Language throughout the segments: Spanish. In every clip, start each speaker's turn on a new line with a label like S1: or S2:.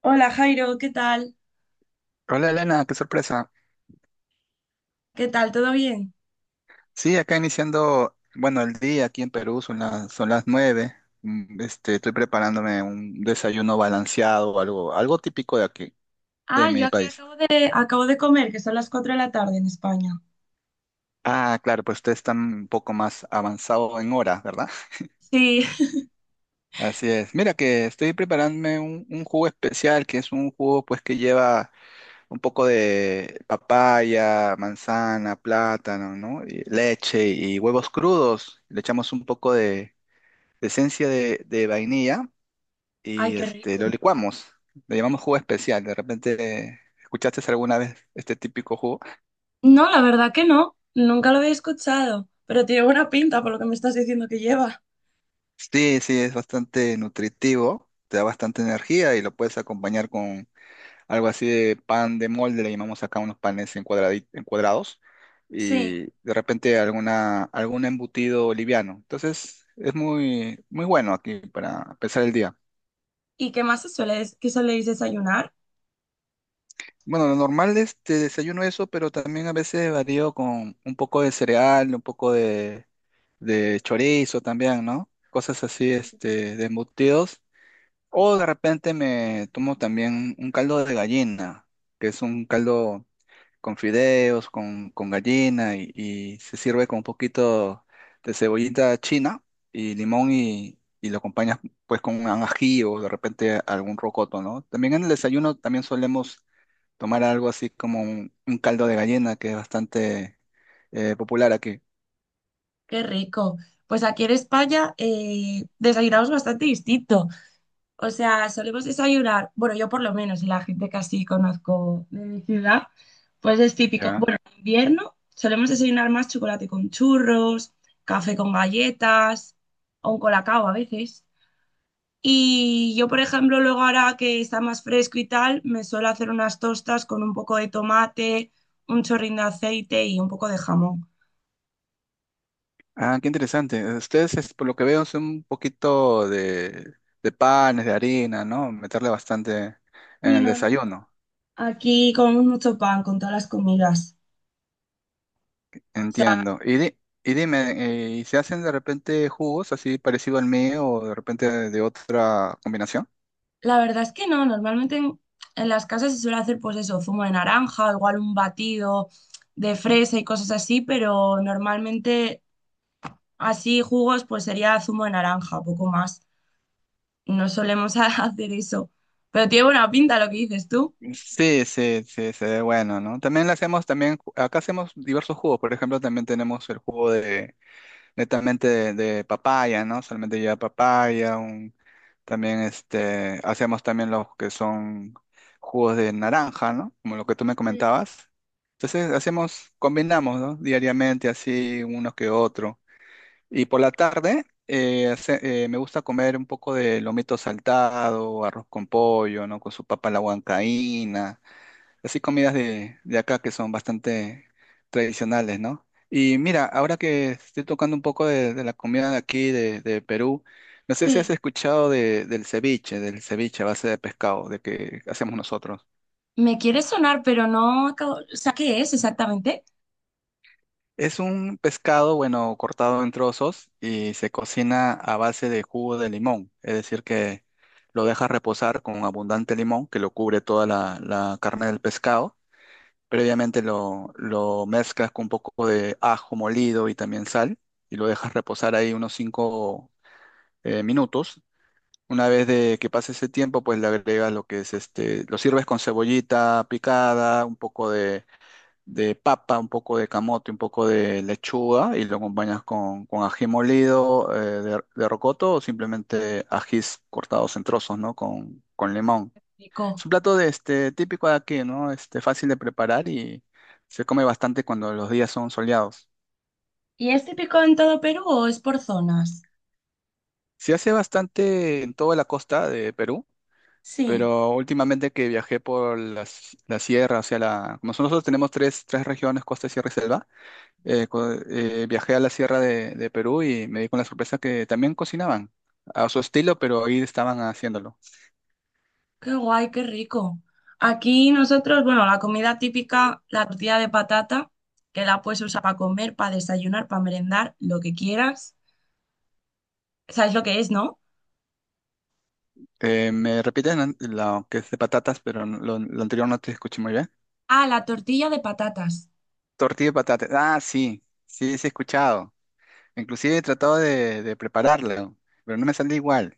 S1: Hola Jairo, ¿qué tal?
S2: Hola Elena, qué sorpresa.
S1: ¿Qué tal? ¿Todo bien?
S2: Sí, acá iniciando, bueno, el día aquí en Perú son las 9. Estoy preparándome un desayuno balanceado, algo típico de aquí, de
S1: Ah, yo
S2: mi
S1: aquí
S2: país.
S1: acabo de comer, que son las 4 de la tarde en España.
S2: Ah, claro, pues ustedes están un poco más avanzado en horas, ¿verdad?
S1: Sí,
S2: Así es. Mira que estoy preparándome un jugo especial, que es un jugo pues que lleva un poco de papaya, manzana, plátano, ¿no? Y leche y huevos crudos. Le echamos un poco de esencia de vainilla
S1: ay,
S2: y
S1: qué
S2: lo
S1: rico.
S2: licuamos. Le llamamos jugo especial. De repente, ¿escuchaste alguna vez este típico jugo?
S1: No, la verdad que no, nunca lo había escuchado, pero tiene buena pinta por lo que me estás diciendo que lleva.
S2: Sí, sí, es bastante nutritivo, te da bastante energía y lo puedes acompañar con algo así de pan de molde, le llamamos acá unos panes en en cuadrados
S1: Sí,
S2: y de repente algún embutido liviano. Entonces, es muy, muy bueno aquí para empezar el día.
S1: ¿y qué más se suele, qué soléis desayunar?
S2: Bueno, lo normal es te desayuno eso, pero también a veces varío con un poco de cereal, un poco de chorizo también, ¿no? Cosas así, este, de embutidos. O de repente me tomo también un caldo de gallina, que es un caldo con fideos, con gallina, y se sirve con un poquito de cebollita china y limón y lo acompañas pues con un ají o de repente algún rocoto, ¿no? También en el desayuno también solemos tomar algo así como un caldo de gallina que es bastante popular aquí.
S1: Qué rico. Pues aquí en España desayunamos bastante distinto. O sea, solemos desayunar, bueno, yo por lo menos, y la gente que así conozco de mi ciudad, pues es típico.
S2: Ya.
S1: Bueno, en invierno solemos desayunar más chocolate con churros, café con galletas o un colacao a veces. Y yo, por ejemplo, luego ahora que está más fresco y tal, me suelo hacer unas tostas con un poco de tomate, un chorrín de aceite y un poco de jamón.
S2: Ah, qué interesante. Ustedes, por lo que veo, son un poquito de panes, de harina, ¿no? Meterle bastante en
S1: Sí,
S2: el
S1: no, no, no.
S2: desayuno.
S1: Aquí comemos mucho pan con todas las comidas.
S2: Entiendo. Y, y dime, ¿y se hacen de repente jugos así parecido al mío o de repente de otra combinación?
S1: La verdad es que no, normalmente en las casas se suele hacer pues eso, zumo de naranja, igual un batido de fresa y cosas así, pero normalmente así jugos pues sería zumo de naranja, poco más. No solemos hacer eso, pero tiene buena pinta lo que dices tú.
S2: Sí, sí, sí, se ve bueno, ¿no? También le hacemos, también, acá hacemos diversos jugos. Por ejemplo, también tenemos el jugo de netamente de papaya, ¿no? Solamente lleva papaya, también hacemos también los que son jugos de naranja, ¿no? Como lo que tú me comentabas. Entonces hacemos, combinamos, ¿no? Diariamente así, uno que otro. Y por la tarde me gusta comer un poco de lomito saltado, arroz con pollo, ¿no? Con su papa a la huancaína. Así comidas de acá que son bastante tradicionales, ¿no? Y mira, ahora que estoy tocando un poco de la comida de aquí, de Perú, no sé si has
S1: Sí.
S2: escuchado del ceviche a base de pescado, de que hacemos nosotros.
S1: Me quiere sonar, pero no acabo, o sea, ¿qué es exactamente?
S2: Es un pescado, bueno, cortado en trozos y se cocina a base de jugo de limón, es decir, que lo dejas reposar con abundante limón que lo cubre toda la carne del pescado. Previamente lo mezclas con un poco de ajo molido y también sal y lo dejas reposar ahí unos 5 minutos. Una vez de que pase ese tiempo, pues le agregas lo que es lo sirves con cebollita picada, un poco de papa, un poco de camote, un poco de lechuga y lo acompañas con ají molido de rocoto o simplemente ajís cortados en trozos, ¿no? Con limón.
S1: Pico.
S2: Es un plato de este típico de aquí, ¿no? Este fácil de preparar y se come bastante cuando los días son soleados.
S1: ¿Y es típico en todo Perú o es por zonas?
S2: Se hace bastante en toda la costa de Perú,
S1: Sí.
S2: pero últimamente que viajé por la sierra, o sea, como nosotros tenemos tres regiones, costa, sierra y selva, viajé a la sierra de Perú y me di con la sorpresa que también cocinaban a su estilo, pero ahí estaban haciéndolo.
S1: Qué guay, qué rico. Aquí nosotros, bueno, la comida típica, la tortilla de patata, que la puedes usar para comer, para desayunar, para merendar, lo que quieras. ¿Sabes lo que es, no?
S2: Me repiten lo que es de patatas, pero lo anterior no te escuché muy bien.
S1: Ah, la tortilla de patatas.
S2: Tortilla de patatas. Ah, sí, sí, sí he escuchado. Inclusive he tratado de prepararlo, pero no me sale igual.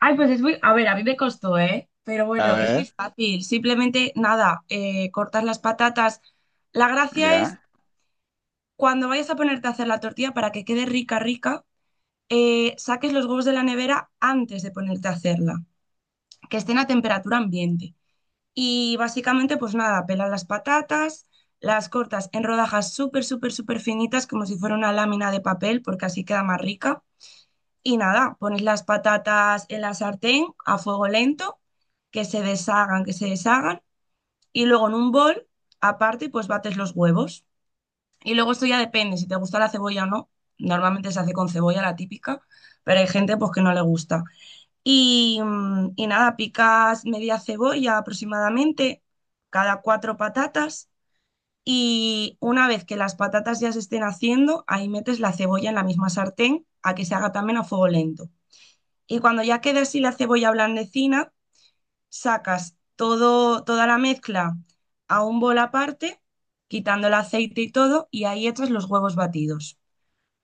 S1: Ay, pues es muy... A ver, a mí me costó, ¿eh? Pero
S2: A
S1: bueno, es muy
S2: ver,
S1: fácil. Simplemente, nada, cortas las patatas. La gracia es
S2: ya.
S1: cuando vayas a ponerte a hacer la tortilla para que quede rica, rica, saques los huevos de la nevera antes de ponerte a hacerla, que estén a temperatura ambiente. Y básicamente, pues nada, pelas las patatas, las cortas en rodajas súper, súper, súper finitas, como si fuera una lámina de papel, porque así queda más rica. Y nada, pones las patatas en la sartén a fuego lento, que se deshagan, que se deshagan. Y luego en un bol, aparte, pues bates los huevos. Y luego esto ya depende si te gusta la cebolla o no. Normalmente se hace con cebolla, la típica, pero hay gente pues que no le gusta. Y, y nada, picas media cebolla aproximadamente, cada cuatro patatas. Y una vez que las patatas ya se estén haciendo, ahí metes la cebolla en la misma sartén a que se haga también a fuego lento. Y cuando ya quede así la cebolla blandecina, sacas todo, toda la mezcla a un bol aparte, quitando el aceite y todo, y ahí echas los huevos batidos,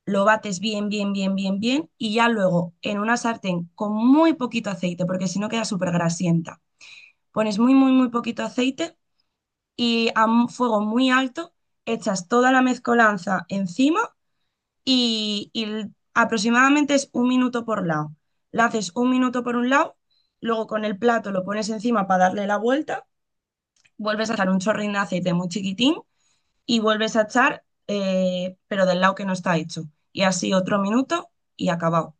S1: lo bates bien, bien, bien, bien, bien, y ya luego en una sartén con muy poquito aceite, porque si no queda súper grasienta, pones muy, muy, muy poquito aceite y a un fuego muy alto echas toda la mezcolanza encima y aproximadamente es un minuto por lado. La haces un minuto por un lado, luego con el plato lo pones encima para darle la vuelta, vuelves a echar un chorrín de aceite muy chiquitín y vuelves a echar, pero del lado que no está hecho. Y así otro minuto y acabado.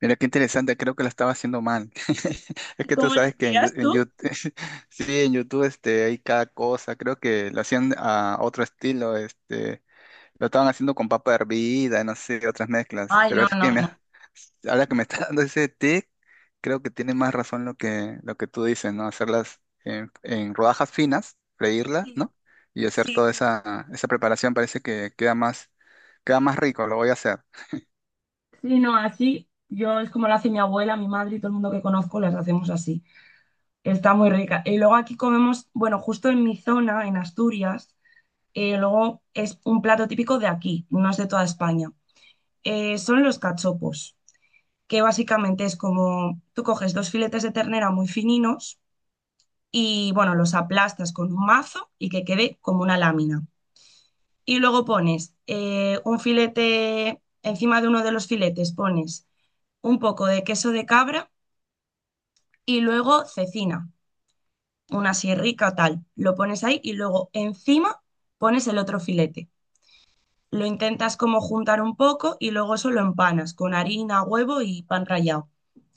S2: Mira qué interesante, creo que lo estaba haciendo mal. Es que tú
S1: ¿Cómo la
S2: sabes que en,
S1: hacías
S2: en
S1: tú?
S2: YouTube, sí, en YouTube hay cada cosa. Creo que lo hacían a otro estilo, lo estaban haciendo con papa hervida, no sé, otras mezclas.
S1: Ay,
S2: Pero
S1: no,
S2: es que
S1: no, no.
S2: ahora que me está dando ese tic, creo que tiene más razón lo que tú dices, ¿no? Hacerlas en rodajas finas, freírlas,
S1: Sí,
S2: ¿no? Y hacer
S1: sí,
S2: toda
S1: sí.
S2: esa preparación parece que queda más rico, lo voy a hacer.
S1: Sí, no, así yo es como lo hace mi abuela, mi madre y todo el mundo que conozco, las hacemos así. Está muy rica. Y luego aquí comemos, bueno, justo en mi zona, en Asturias, luego es un plato típico de aquí, no es de toda España. Son los cachopos, que básicamente es como tú coges dos filetes de ternera muy fininos y, bueno, los aplastas con un mazo y que quede como una lámina. Y luego pones un filete, encima de uno de los filetes pones un poco de queso de cabra y luego cecina, una así rica tal. Lo pones ahí y luego encima pones el otro filete. Lo intentas como juntar un poco y luego eso lo empanas con harina, huevo y pan rallado.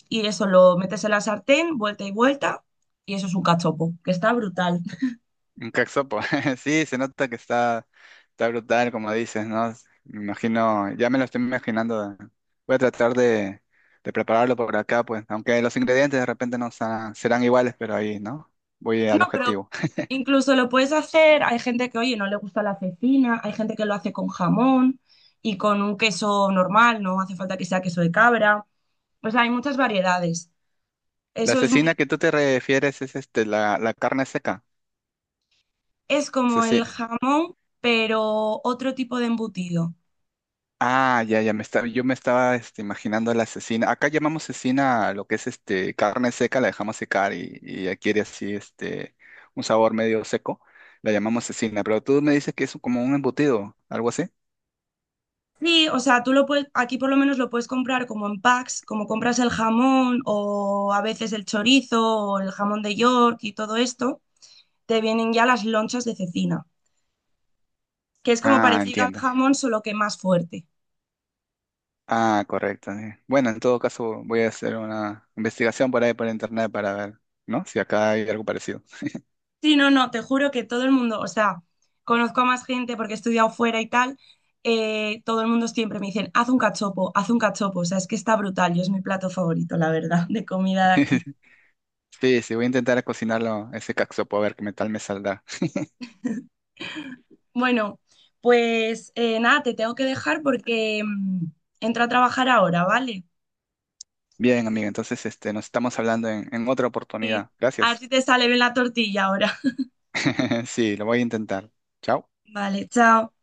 S1: Y eso lo metes en la sartén, vuelta y vuelta, y eso es un cachopo, que está brutal.
S2: Un caxopo. Sí, se nota que está, está brutal, como dices, ¿no? Me imagino, ya me lo estoy imaginando. Voy a tratar de prepararlo por acá, pues, aunque los ingredientes de repente no serán iguales, pero ahí, ¿no? Voy al
S1: No, pero
S2: objetivo.
S1: incluso lo puedes hacer, hay gente que, oye, no le gusta la cecina, hay gente que lo hace con jamón y con un queso normal, no hace falta que sea queso de cabra. O sea, hay muchas variedades.
S2: La
S1: Eso es muy,
S2: cecina que tú te refieres es la carne seca.
S1: es como el jamón, pero otro tipo de embutido.
S2: Ah, ya, ya me estaba, yo me estaba imaginando a la cecina. Acá llamamos cecina a lo que es este carne seca, la dejamos secar y adquiere así este un sabor medio seco. La llamamos cecina, pero tú me dices que es como un embutido, algo así.
S1: Sí, o sea, tú lo puedes, aquí por lo menos lo puedes comprar como en packs, como compras el jamón o a veces el chorizo o el jamón de York y todo esto, te vienen ya las lonchas de cecina, que es como
S2: Ah,
S1: parecido al
S2: entiendo.
S1: jamón, solo que más fuerte.
S2: Ah, correcto. Sí. Bueno, en todo caso voy a hacer una investigación por ahí por internet para ver, ¿no? Si acá hay algo parecido.
S1: Sí, no, no, te juro que todo el mundo, o sea, conozco a más gente porque he estudiado fuera y tal, todo el mundo siempre me dicen, haz un cachopo, o sea, es que está brutal y es mi plato favorito, la verdad, de comida de aquí.
S2: Sí, sí, voy a intentar cocinarlo ese caxopo a ver qué tal me saldrá.
S1: Bueno, pues nada, te tengo que dejar porque entro a trabajar ahora, ¿vale?
S2: Bien, amigo, entonces nos estamos hablando en otra
S1: Eh,
S2: oportunidad.
S1: a ver
S2: Gracias.
S1: si te sale bien la tortilla ahora.
S2: Sí, lo voy a intentar. Chao.
S1: Vale, chao.